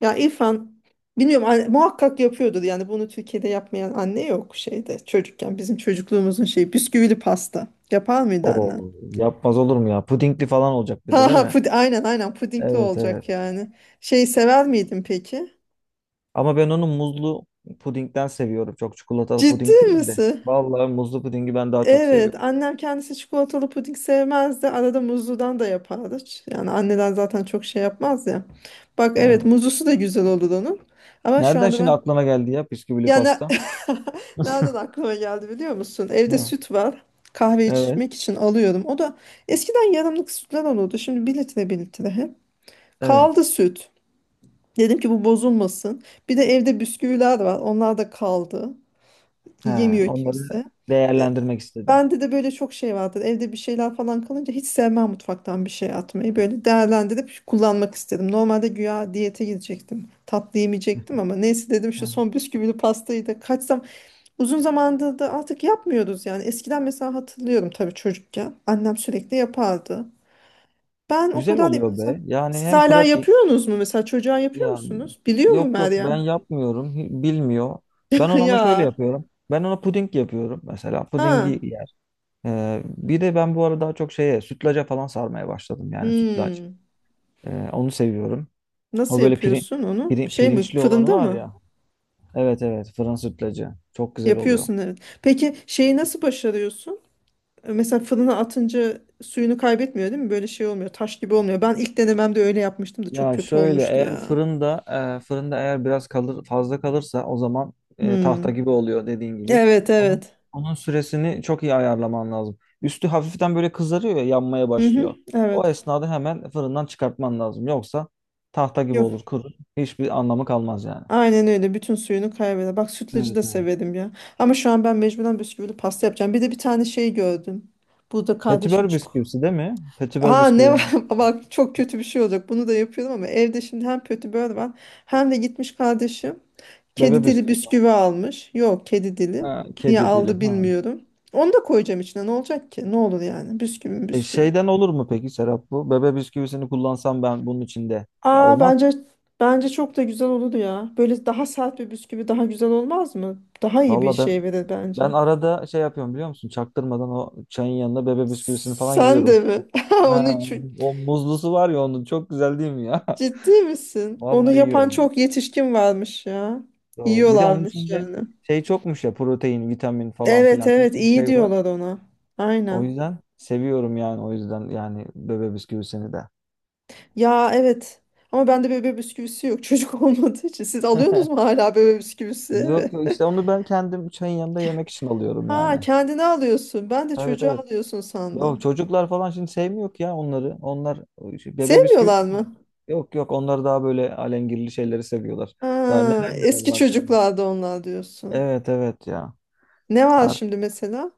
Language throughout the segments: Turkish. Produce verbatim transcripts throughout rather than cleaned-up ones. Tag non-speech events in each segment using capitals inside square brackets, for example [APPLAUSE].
Ya İrfan bilmiyorum anne- muhakkak yapıyordur yani bunu Türkiye'de yapmayan anne yok şeyde çocukken bizim çocukluğumuzun şeyi bisküvili pasta yapar mıydı annen? Oo, yapmaz olur mu ya? Pudingli falan olacak bir Ha de değil ha mi? pud aynen, aynen pudingli Evet evet. olacak yani. Şey sever miydin peki? Ama ben onu muzlu pudingden seviyorum. Çok çikolatalı Ciddi puding değil de. misin? Vallahi muzlu pudingi ben daha çok Evet, seviyorum. annem kendisi çikolatalı puding sevmezdi, arada muzludan da yapardı. Ç- Yani anneler zaten çok şey yapmaz ya. Bak evet, Evet. muzlusu da güzel olur onun. Ama şu Nereden anda şimdi ben aklına geldi ya bisküvili Ya ne- pasta? [LAUGHS] nereden [LAUGHS] aklıma geldi biliyor musun? Evde Hı. süt var. Kahve Evet. içmek için alıyorum. O da eskiden yarımlık sütler olurdu. Şimdi bir litre, bir litre hep. Kaldı Evet. süt. Dedim ki bu bozulmasın. Bir de evde bisküviler var. Onlar da kaldı. Ha, Yemiyor onları kimse. E, değerlendirmek istedim. Bende de böyle çok şey vardır. Evde bir şeyler falan kalınca hiç sevmem mutfaktan bir şey atmayı. Böyle değerlendirip kullanmak istedim. Normalde güya diyete gidecektim. Tatlı yemeyecektim ama neyse dedim şu Ha. son bisküvili pastayı da kaçsam. Uzun zamandır da artık yapmıyoruz yani. Eskiden mesela hatırlıyorum tabii çocukken. Annem sürekli yapardı. Ben o Güzel kadar oluyor mesela be. Yani siz hem hala pratik yapıyorsunuz mu, mesela çocuğa yapıyor yani. musunuz? Biliyor mu Yok yok ben Meryem? yapmıyorum. hi- Bilmiyor. Ben [LAUGHS] ona ama şöyle Ya. yapıyorum. Ben ona puding yapıyorum. Mesela pudingi. Ha. Ee, bir de ben bu arada daha çok şeye sütlaca falan sarmaya başladım yani sütlaç. Hmm. Ee, onu seviyorum. O Nasıl böyle piri, yapıyorsun onu? piri- Şey mi? pirinçli olanı Fırında var mı? ya. Evet evet fırın sütlacı. Çok güzel oluyor. Yapıyorsun evet. Peki şeyi nasıl başarıyorsun? E, Mesela fırına atınca suyunu kaybetmiyor değil mi? Böyle şey olmuyor. Taş gibi olmuyor. Ben ilk denememde öyle yapmıştım da çok Ya kötü şöyle olmuştu eğer ya. fırında e, fırında eğer biraz kalır fazla kalırsa o zaman e, tahta Hmm. gibi oluyor dediğin gibi. Evet, Ama evet. onun süresini çok iyi ayarlaman lazım. Üstü hafiften böyle kızarıyor ya yanmaya Hı hı, başlıyor. O evet. esnada hemen fırından çıkartman lazım. Yoksa tahta gibi Yok. olur kurur. Hiçbir anlamı kalmaz yani. Aynen öyle. Bütün suyunu kaybeder. Bak sütlacı da Evet. severim ya. Ama şu an ben mecburen bisküvili pasta yapacağım. Bir de bir tane şey gördüm. Burada kardeşim Petibör çık. bisküvisi değil mi? Petibör Ha ne var? bisküviden. [LAUGHS] Bak çok kötü bir şey olacak. Bunu da yapıyorum ama evde şimdi hem kötü böyle var hem de gitmiş kardeşim kedi Bebe dili bisküvisi. bisküvi almış. Yok kedi dili. Ha, Niye kedi dili. aldı Ha. bilmiyorum. Onu da koyacağım içine. Ne olacak ki? Ne olur yani? Bisküvi mi E, bisküvi. şeyden olur mu peki Serap bu? Bebe bisküvisini kullansam ben bunun içinde. Ya Aa, olmaz. bence bence çok da güzel olur ya. Böyle daha sert bir bisküvi daha güzel olmaz mı? Daha iyi bir Valla ben şey verir ben bence. arada şey yapıyorum biliyor musun? Çaktırmadan o çayın yanında bebe bisküvisini falan Sen yiyorum. de mi? [LAUGHS] Onu Ha, çü- o muzlusu var ya onun çok güzel değil mi ya? ciddi [LAUGHS] misin? Onu Vallahi yapan yiyorum. çok yetişkin varmış ya. Doğru. Bir de onun Yiyorlarmış içinde yani. şey çokmuş ya protein, vitamin falan Evet filan bir evet, sürü iyi şey var. diyorlar ona. O Aynen. yüzden seviyorum yani o yüzden yani bebe bisküvisini de. Ya evet. Ama bende bebe bisküvisi yok, çocuk [LAUGHS] olmadığı için. Siz [LAUGHS] alıyorsunuz mu hala bebe bisküvisi? Yok yok Evet. işte onu ben kendim çayın yanında yemek için alıyorum Ha, yani. kendine alıyorsun. Ben de Evet çocuğa evet. alıyorsun yok sandım. çocuklar falan şimdi sevmiyor ki ya onları. Onlar o şey, bebe bisküvi Sevmiyorlar sevmiyor. mı? Yok yok onlar daha böyle alengirli şeyleri seviyorlar. Daha Aa, neler neler eski var şimdi. çocuklarda onlar diyorsun. Evet evet ya. Ne var Artık. şimdi mesela?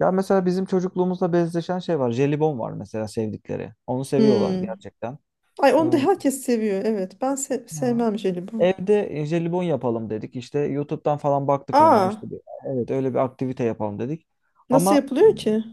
Ya mesela bizim çocukluğumuzla benzeşen şey var. Jelibon var mesela sevdikleri. Onu seviyorlar Hmm. gerçekten. Ay onu da Ee, herkes seviyor. Evet. Ben se- ha. sevmem jelibon. Evde e, jelibon yapalım dedik. İşte YouTube'dan falan baktık ona. Aa, İşte bir- evet öyle bir aktivite yapalım dedik. nasıl Ama yapılıyor ki?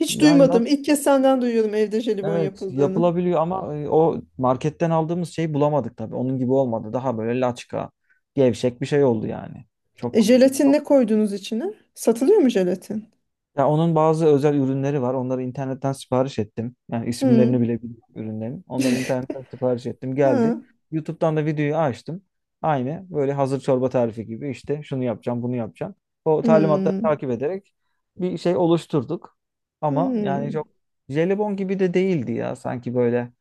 Hiç yani duymadım. nasıl? İlk kez senden duyuyorum evde jelibon Evet yapıldığını. yapılabiliyor ama e, o marketten aldığımız şeyi bulamadık tabii. Onun gibi olmadı. Daha böyle laçka, gevşek bir şey oldu yani. E, Çok jelatin çok ne koydunuz içine? Satılıyor mu jelatin? ya onun bazı özel ürünleri var. Onları internetten sipariş ettim. Yani isimlerini Hmm. bile bilmiyorum ürünlerin. Onları internetten sipariş ettim. Geldi. Ha. YouTube'dan da videoyu açtım. Aynı böyle hazır çorba tarifi gibi işte şunu yapacağım, bunu yapacağım. O talimatları Hmm. takip ederek bir şey oluşturduk. Ama yani Hmm. çok jelibon gibi de değildi ya sanki böyle.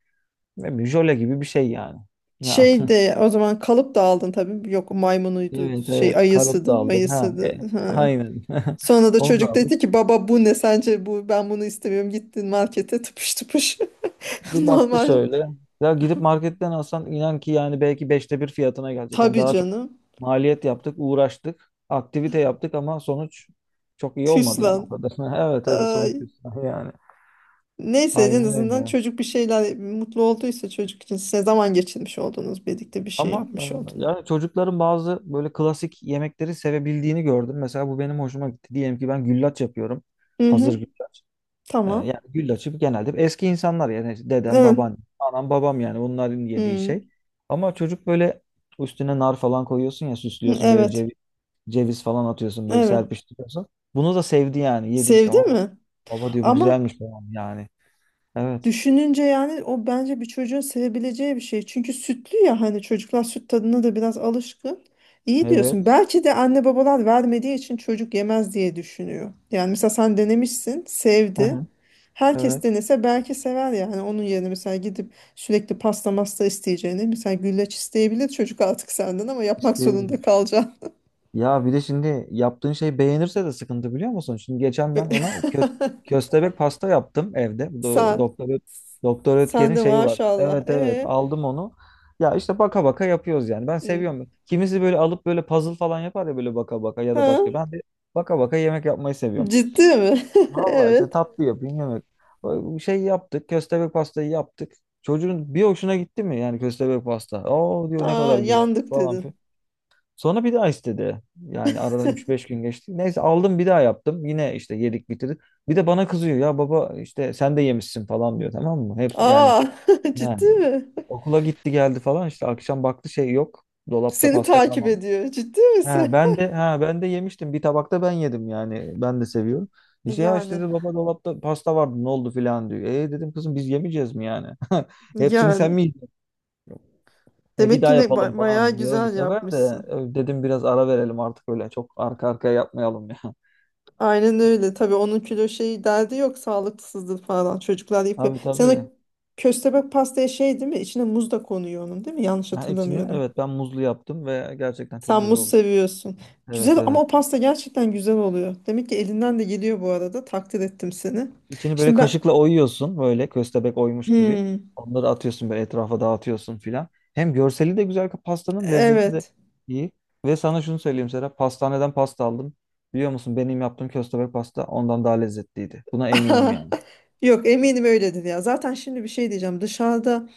Ne bileyim, jöle gibi bir şey yani. Ya, Şey de o zaman kalıp da aldın tabii. Yok [LAUGHS] maymunuydu. evet Şey evet karot da ayısıydı, aldık. Ha, e, mayısıydı. Ha. aynen. [LAUGHS] Sonra da Onu da çocuk aldık. dedi ki baba bu ne sence, bu ben bunu istemiyorum. Gittin markete tıpış tıpış. [LAUGHS] Bir baktı Normal. şöyle. Ya gidip marketten alsan inan ki yani belki beşte bir fiyatına gelecek. Yani Tabii daha çok canım. maliyet yaptık, uğraştık, aktivite yaptık ama sonuç çok iyi Süs. olmadı yani o kadar. [LAUGHS] Evet evet sonuç Ay. güzel yani. Neyse en Aynen azından öyle. çocuk bir şeyler mutlu olduysa çocuk için size zaman geçirmiş oldunuz. Birlikte bir şey Ama yapmış e, oldunuz. yani çocukların bazı böyle klasik yemekleri sevebildiğini gördüm. Mesela bu benim hoşuma gitti. Diyelim ki ben güllaç yapıyorum. Hı hı. Hazır güllaç. Ee, Tamam. yani güllaç gibi genelde eski insanlar yani dedem, Evet. baban, anam, babam yani onların Hı. yediği Hı, şey. Ama çocuk böyle üstüne nar falan koyuyorsun ya süslüyorsun böyle evet. ceviz, ceviz falan atıyorsun böyle Evet. serpiştiriyorsun. Bunu da sevdi yani yedi işte. Sevdi "Aa, mi? baba diyor bu Ama güzelmiş falan yani. Evet. düşününce yani o bence bir çocuğun sevebileceği bir şey. Çünkü sütlü ya, hani çocuklar süt tadına da biraz alışkın. İyi diyorsun. Evet. Belki de anne babalar vermediği için çocuk yemez diye düşünüyor. Yani mesela sen denemişsin, Hı sevdi. hı. Herkes Evet. denese belki sever yani. Onun yerine mesela gidip sürekli pasta masta isteyeceğini. Mesela güllaç isteyebilir çocuk artık senden ama yapmak zorunda İsteyebilir. kalacaksın. Ya bir de şimdi yaptığın şey beğenirse de sıkıntı biliyor musun? Şimdi geçen ben ona kö- [LAUGHS] köstebek pasta yaptım evde. Do- Sen. Doktor Ö- Doktor Sen Ötker'in de şeyi var. maşallah. Evet evet e aldım onu. Ya işte baka baka yapıyoruz yani. Ben hı. seviyorum. Kimisi böyle alıp böyle puzzle falan yapar ya böyle baka baka ya da Ha? başka. Ben de baka baka yemek yapmayı seviyorum. Ciddi mi? [LAUGHS] Vallahi işte Evet. tatlı yapayım yemek. O şey yaptık. Köstebek pastayı yaptık. Çocuğun bir hoşuna gitti mi yani köstebek pasta? Oo diyor ne Aa, kadar güzel yandık falan. dedin. Sonra bir daha istedi. Yani aradan üç beş gün geçti. Neyse aldım bir daha yaptım. Yine işte yedik bitirdik. Bir de bana kızıyor. Ya baba işte sen de yemişsin falan diyor tamam mı? Hepsi yani Aa, [LAUGHS] he, ciddi mi? okula gitti geldi falan işte akşam baktı şey yok. Dolapta Seni pasta takip kalmamış. ediyor. Ciddi Ha, misin? ben [LAUGHS] de ha ben de yemiştim. Bir tabakta ben yedim yani. Ben de seviyorum. İşte ya işte Yani, dedi baba dolapta pasta vardı ne oldu filan diyor. E dedim kızım biz yemeyeceğiz mi yani? [LAUGHS] Hepsini sen yani. mi e bir Demek daha ki ne yapalım ba- bayağı falan diyor bu güzel sefer de yapmışsın. e, dedim biraz ara verelim artık öyle çok arka arkaya yapmayalım ya. [LAUGHS] Aynen öyle. Tabii onun kilo şeyi derdi yok. Sağlıksızdır falan. Çocuklar yapıyor. Tabii Sen o tabii. köstebek pastaya şey değil mi? İçine muz da konuyor onun değil mi? Yanlış Ha, içini hatırlamıyorum. evet ben muzlu yaptım ve gerçekten çok Sen güzel muz oldu. seviyorsun. Güzel Evet ama evet. o pasta gerçekten güzel oluyor. Demek ki elinden de geliyor bu arada. Takdir ettim seni. İçini böyle Şimdi ben. kaşıkla oyuyorsun böyle köstebek oymuş gibi. Hmm. Onları atıyorsun böyle etrafa dağıtıyorsun filan. Hem görseli de güzel pastanın lezzeti de Evet. iyi. Ve sana şunu söyleyeyim Serap, pastaneden pasta aldım. Biliyor musun benim yaptığım köstebek pasta ondan daha lezzetliydi. Buna eminim yani. [LAUGHS] Yok, eminim öyledir ya. Zaten şimdi bir şey diyeceğim. Dışarıda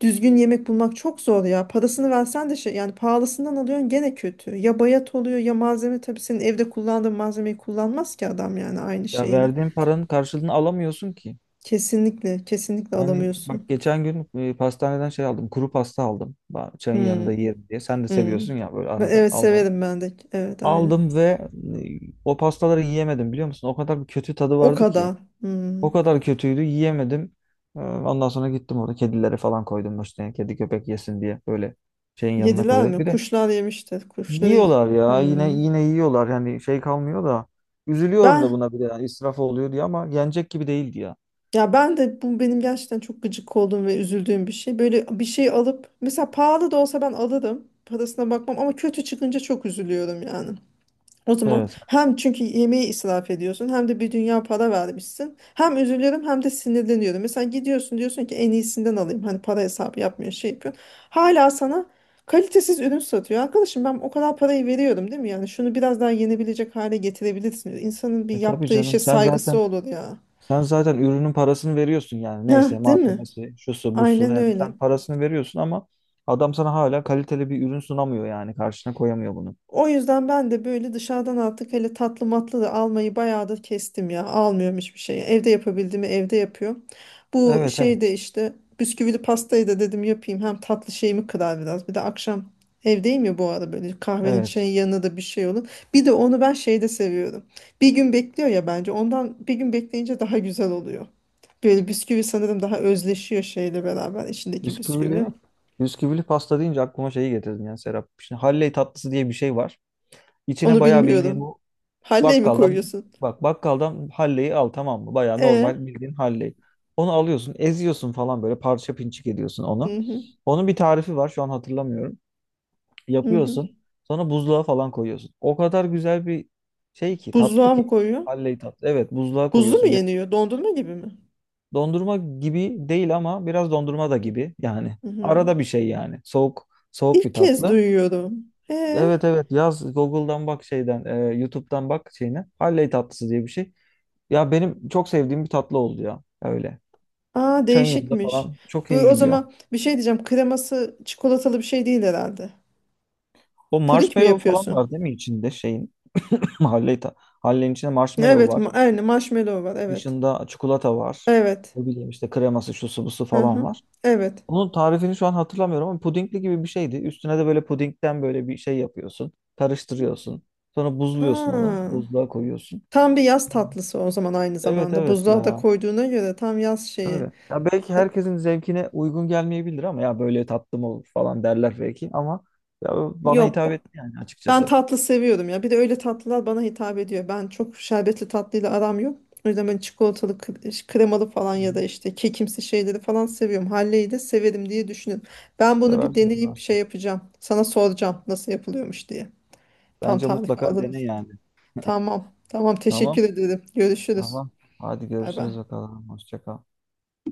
düzgün yemek bulmak çok zor ya. Parasını versen de şey yani pahalısından alıyorsun gene kötü. Ya bayat oluyor ya malzeme, tabii senin evde kullandığın malzemeyi kullanmaz ki adam yani aynı Ya şeyini. verdiğin paranın karşılığını alamıyorsun ki. Kesinlikle, kesinlikle Yani bak alamıyorsun. geçen gün e, pastaneden şey aldım. Kuru pasta aldım. Ben çayın Hmm, yanında yerim diye. Sen de hmm. seviyorsun ya böyle Ben- arada evet, almayı. severim ben de. Evet aynı. Aldım ve e, o pastaları yiyemedim biliyor musun? O kadar bir kötü tadı O vardı ki. kadar. Hmm. O kadar kötüydü yiyemedim. Ee, Ondan sonra gittim orada kedilere falan koydum işte. Kedi köpek yesin diye böyle şeyin yanına Yediler koydum. mi? Bir de Kuşlar yemiştir. Kuşları. yiyorlar ya yine Hmm. yine yiyorlar. Yani şey kalmıyor da. Üzülüyorum da Ben. buna bir de yani israf oluyor diye ama yenecek gibi değildi ya. Ya ben de bu benim gerçekten çok gıcık olduğum ve üzüldüğüm bir şey. Böyle bir şey alıp mesela pahalı da olsa ben alırım. Parasına bakmam ama kötü çıkınca çok üzülüyorum yani. O zaman Evet. hem çünkü yemeği israf ediyorsun hem de bir dünya para vermişsin. Hem üzülüyorum hem de sinirleniyorum. Mesela gidiyorsun diyorsun ki en iyisinden alayım. Hani para hesabı yapmıyor, şey yapıyor. Hala sana kalitesiz ürün satıyor. Arkadaşım ben o kadar parayı veriyorum değil mi? Yani şunu biraz daha yenebilecek hale getirebilirsiniz. İnsanın bir E tabii yaptığı işe canım sen saygısı zaten olur ya. Sen zaten ürünün parasını veriyorsun yani. Ha, Neyse değil mi? malzemesi, şusu, busu. Aynen Yani öyle. sen parasını veriyorsun ama adam sana hala kaliteli bir ürün sunamıyor yani. Karşına koyamıyor bunu. O yüzden ben de böyle dışarıdan artık hele tatlı matlı da almayı bayağıdır kestim ya. Almıyorum hiçbir şeyi. Evde yapabildiğimi evde yapıyorum. Bu Evet şeyde de evet. işte bisküvili pastayı da dedim yapayım. Hem tatlı şeyimi kırar biraz. Bir de akşam evdeyim ya bu ara, böyle kahvenin Evet. çayın yanına da bir şey olur. Bir de onu ben şeyde seviyorum. Bir gün bekliyor ya bence. Ondan bir gün bekleyince daha güzel oluyor. Böyle bisküvi sanırım daha özleşiyor şeyle beraber içindeki bisküvi. Bisküvili, bisküvili pasta deyince aklıma şeyi getirdin yani Serap. Şimdi Halley tatlısı diye bir şey var. İçine Onu bayağı bildiğin bilmiyorum. bu Halley mi bakkaldan koyuyorsun? bak bakkaldan Halley'i al tamam mı? Bayağı E, normal bildiğin Halley. Onu alıyorsun, eziyorsun falan böyle parça pinçik ediyorsun onu. hı hı, Onun bir tarifi var şu an hatırlamıyorum. hı hı. Yapıyorsun. Sonra buzluğa falan koyuyorsun. O kadar güzel bir şey ki tatlı Buzluğa ki. mı koyuyor? Halley tatlı. Evet buzluğa Buzlu mu koyuyorsun. Bir, yeniyor? Dondurma gibi mi? dondurma gibi değil ama biraz dondurma da gibi yani. Hı hı. Arada bir şey yani. Soğuk soğuk İlk bir kez tatlı. duyuyorum. E, Evet evet yaz Google'dan bak şeyden e, YouTube'dan bak şeyine. Halley tatlısı diye bir şey. Ya benim çok sevdiğim bir tatlı oldu ya. Öyle. aa Çayın yanında değişikmiş. falan çok Bu iyi o gidiyor. zaman bir şey diyeceğim. Kreması çikolatalı bir şey değil herhalde. O Puding mi marshmallow falan yapıyorsun? var değil mi içinde şeyin? [LAUGHS] [CLEARS THROAT] Halley ta Halley'in içinde marshmallow Evet, var. ma aynı marshmallow var. Evet. Dışında çikolata var. Evet. Ne bileyim işte kreması, şusu, busu Hı falan hı. var. Evet. Onun tarifini şu an hatırlamıyorum ama pudingli gibi bir şeydi. Üstüne de böyle pudingden böyle bir şey yapıyorsun. Karıştırıyorsun. Sonra buzluyorsun onu. Aa, Buzluğa koyuyorsun. tam bir yaz tatlısı o zaman aynı Evet zamanda. evet Buzluğa da ya. koyduğuna göre tam yaz şeyi. Öyle. Ya belki Da- herkesin zevkine uygun gelmeyebilir ama ya böyle tatlı mı olur falan derler belki ama ya bana Yok. hitap etti yani Ben açıkçası. tatlı seviyorum ya. Bir de öyle tatlılar bana hitap ediyor. Ben çok şerbetli tatlıyla aram yok. O yüzden ben çikolatalı, kre- kremalı falan Hı ya da hı. işte kekimsi şeyleri falan seviyorum. Halleyi de severim diye düşünüyorum. Ben bunu bir Seversin deneyip şey seversin. yapacağım. Sana soracağım nasıl yapılıyormuş diye. Tam Bence tarifi mutlaka alırım. dene yani. [LAUGHS] Tamam. Tamam. Tamam. Teşekkür ederim. Görüşürüz. Tamam. Hadi Bay görüşürüz bay. bakalım. Hoşça kal.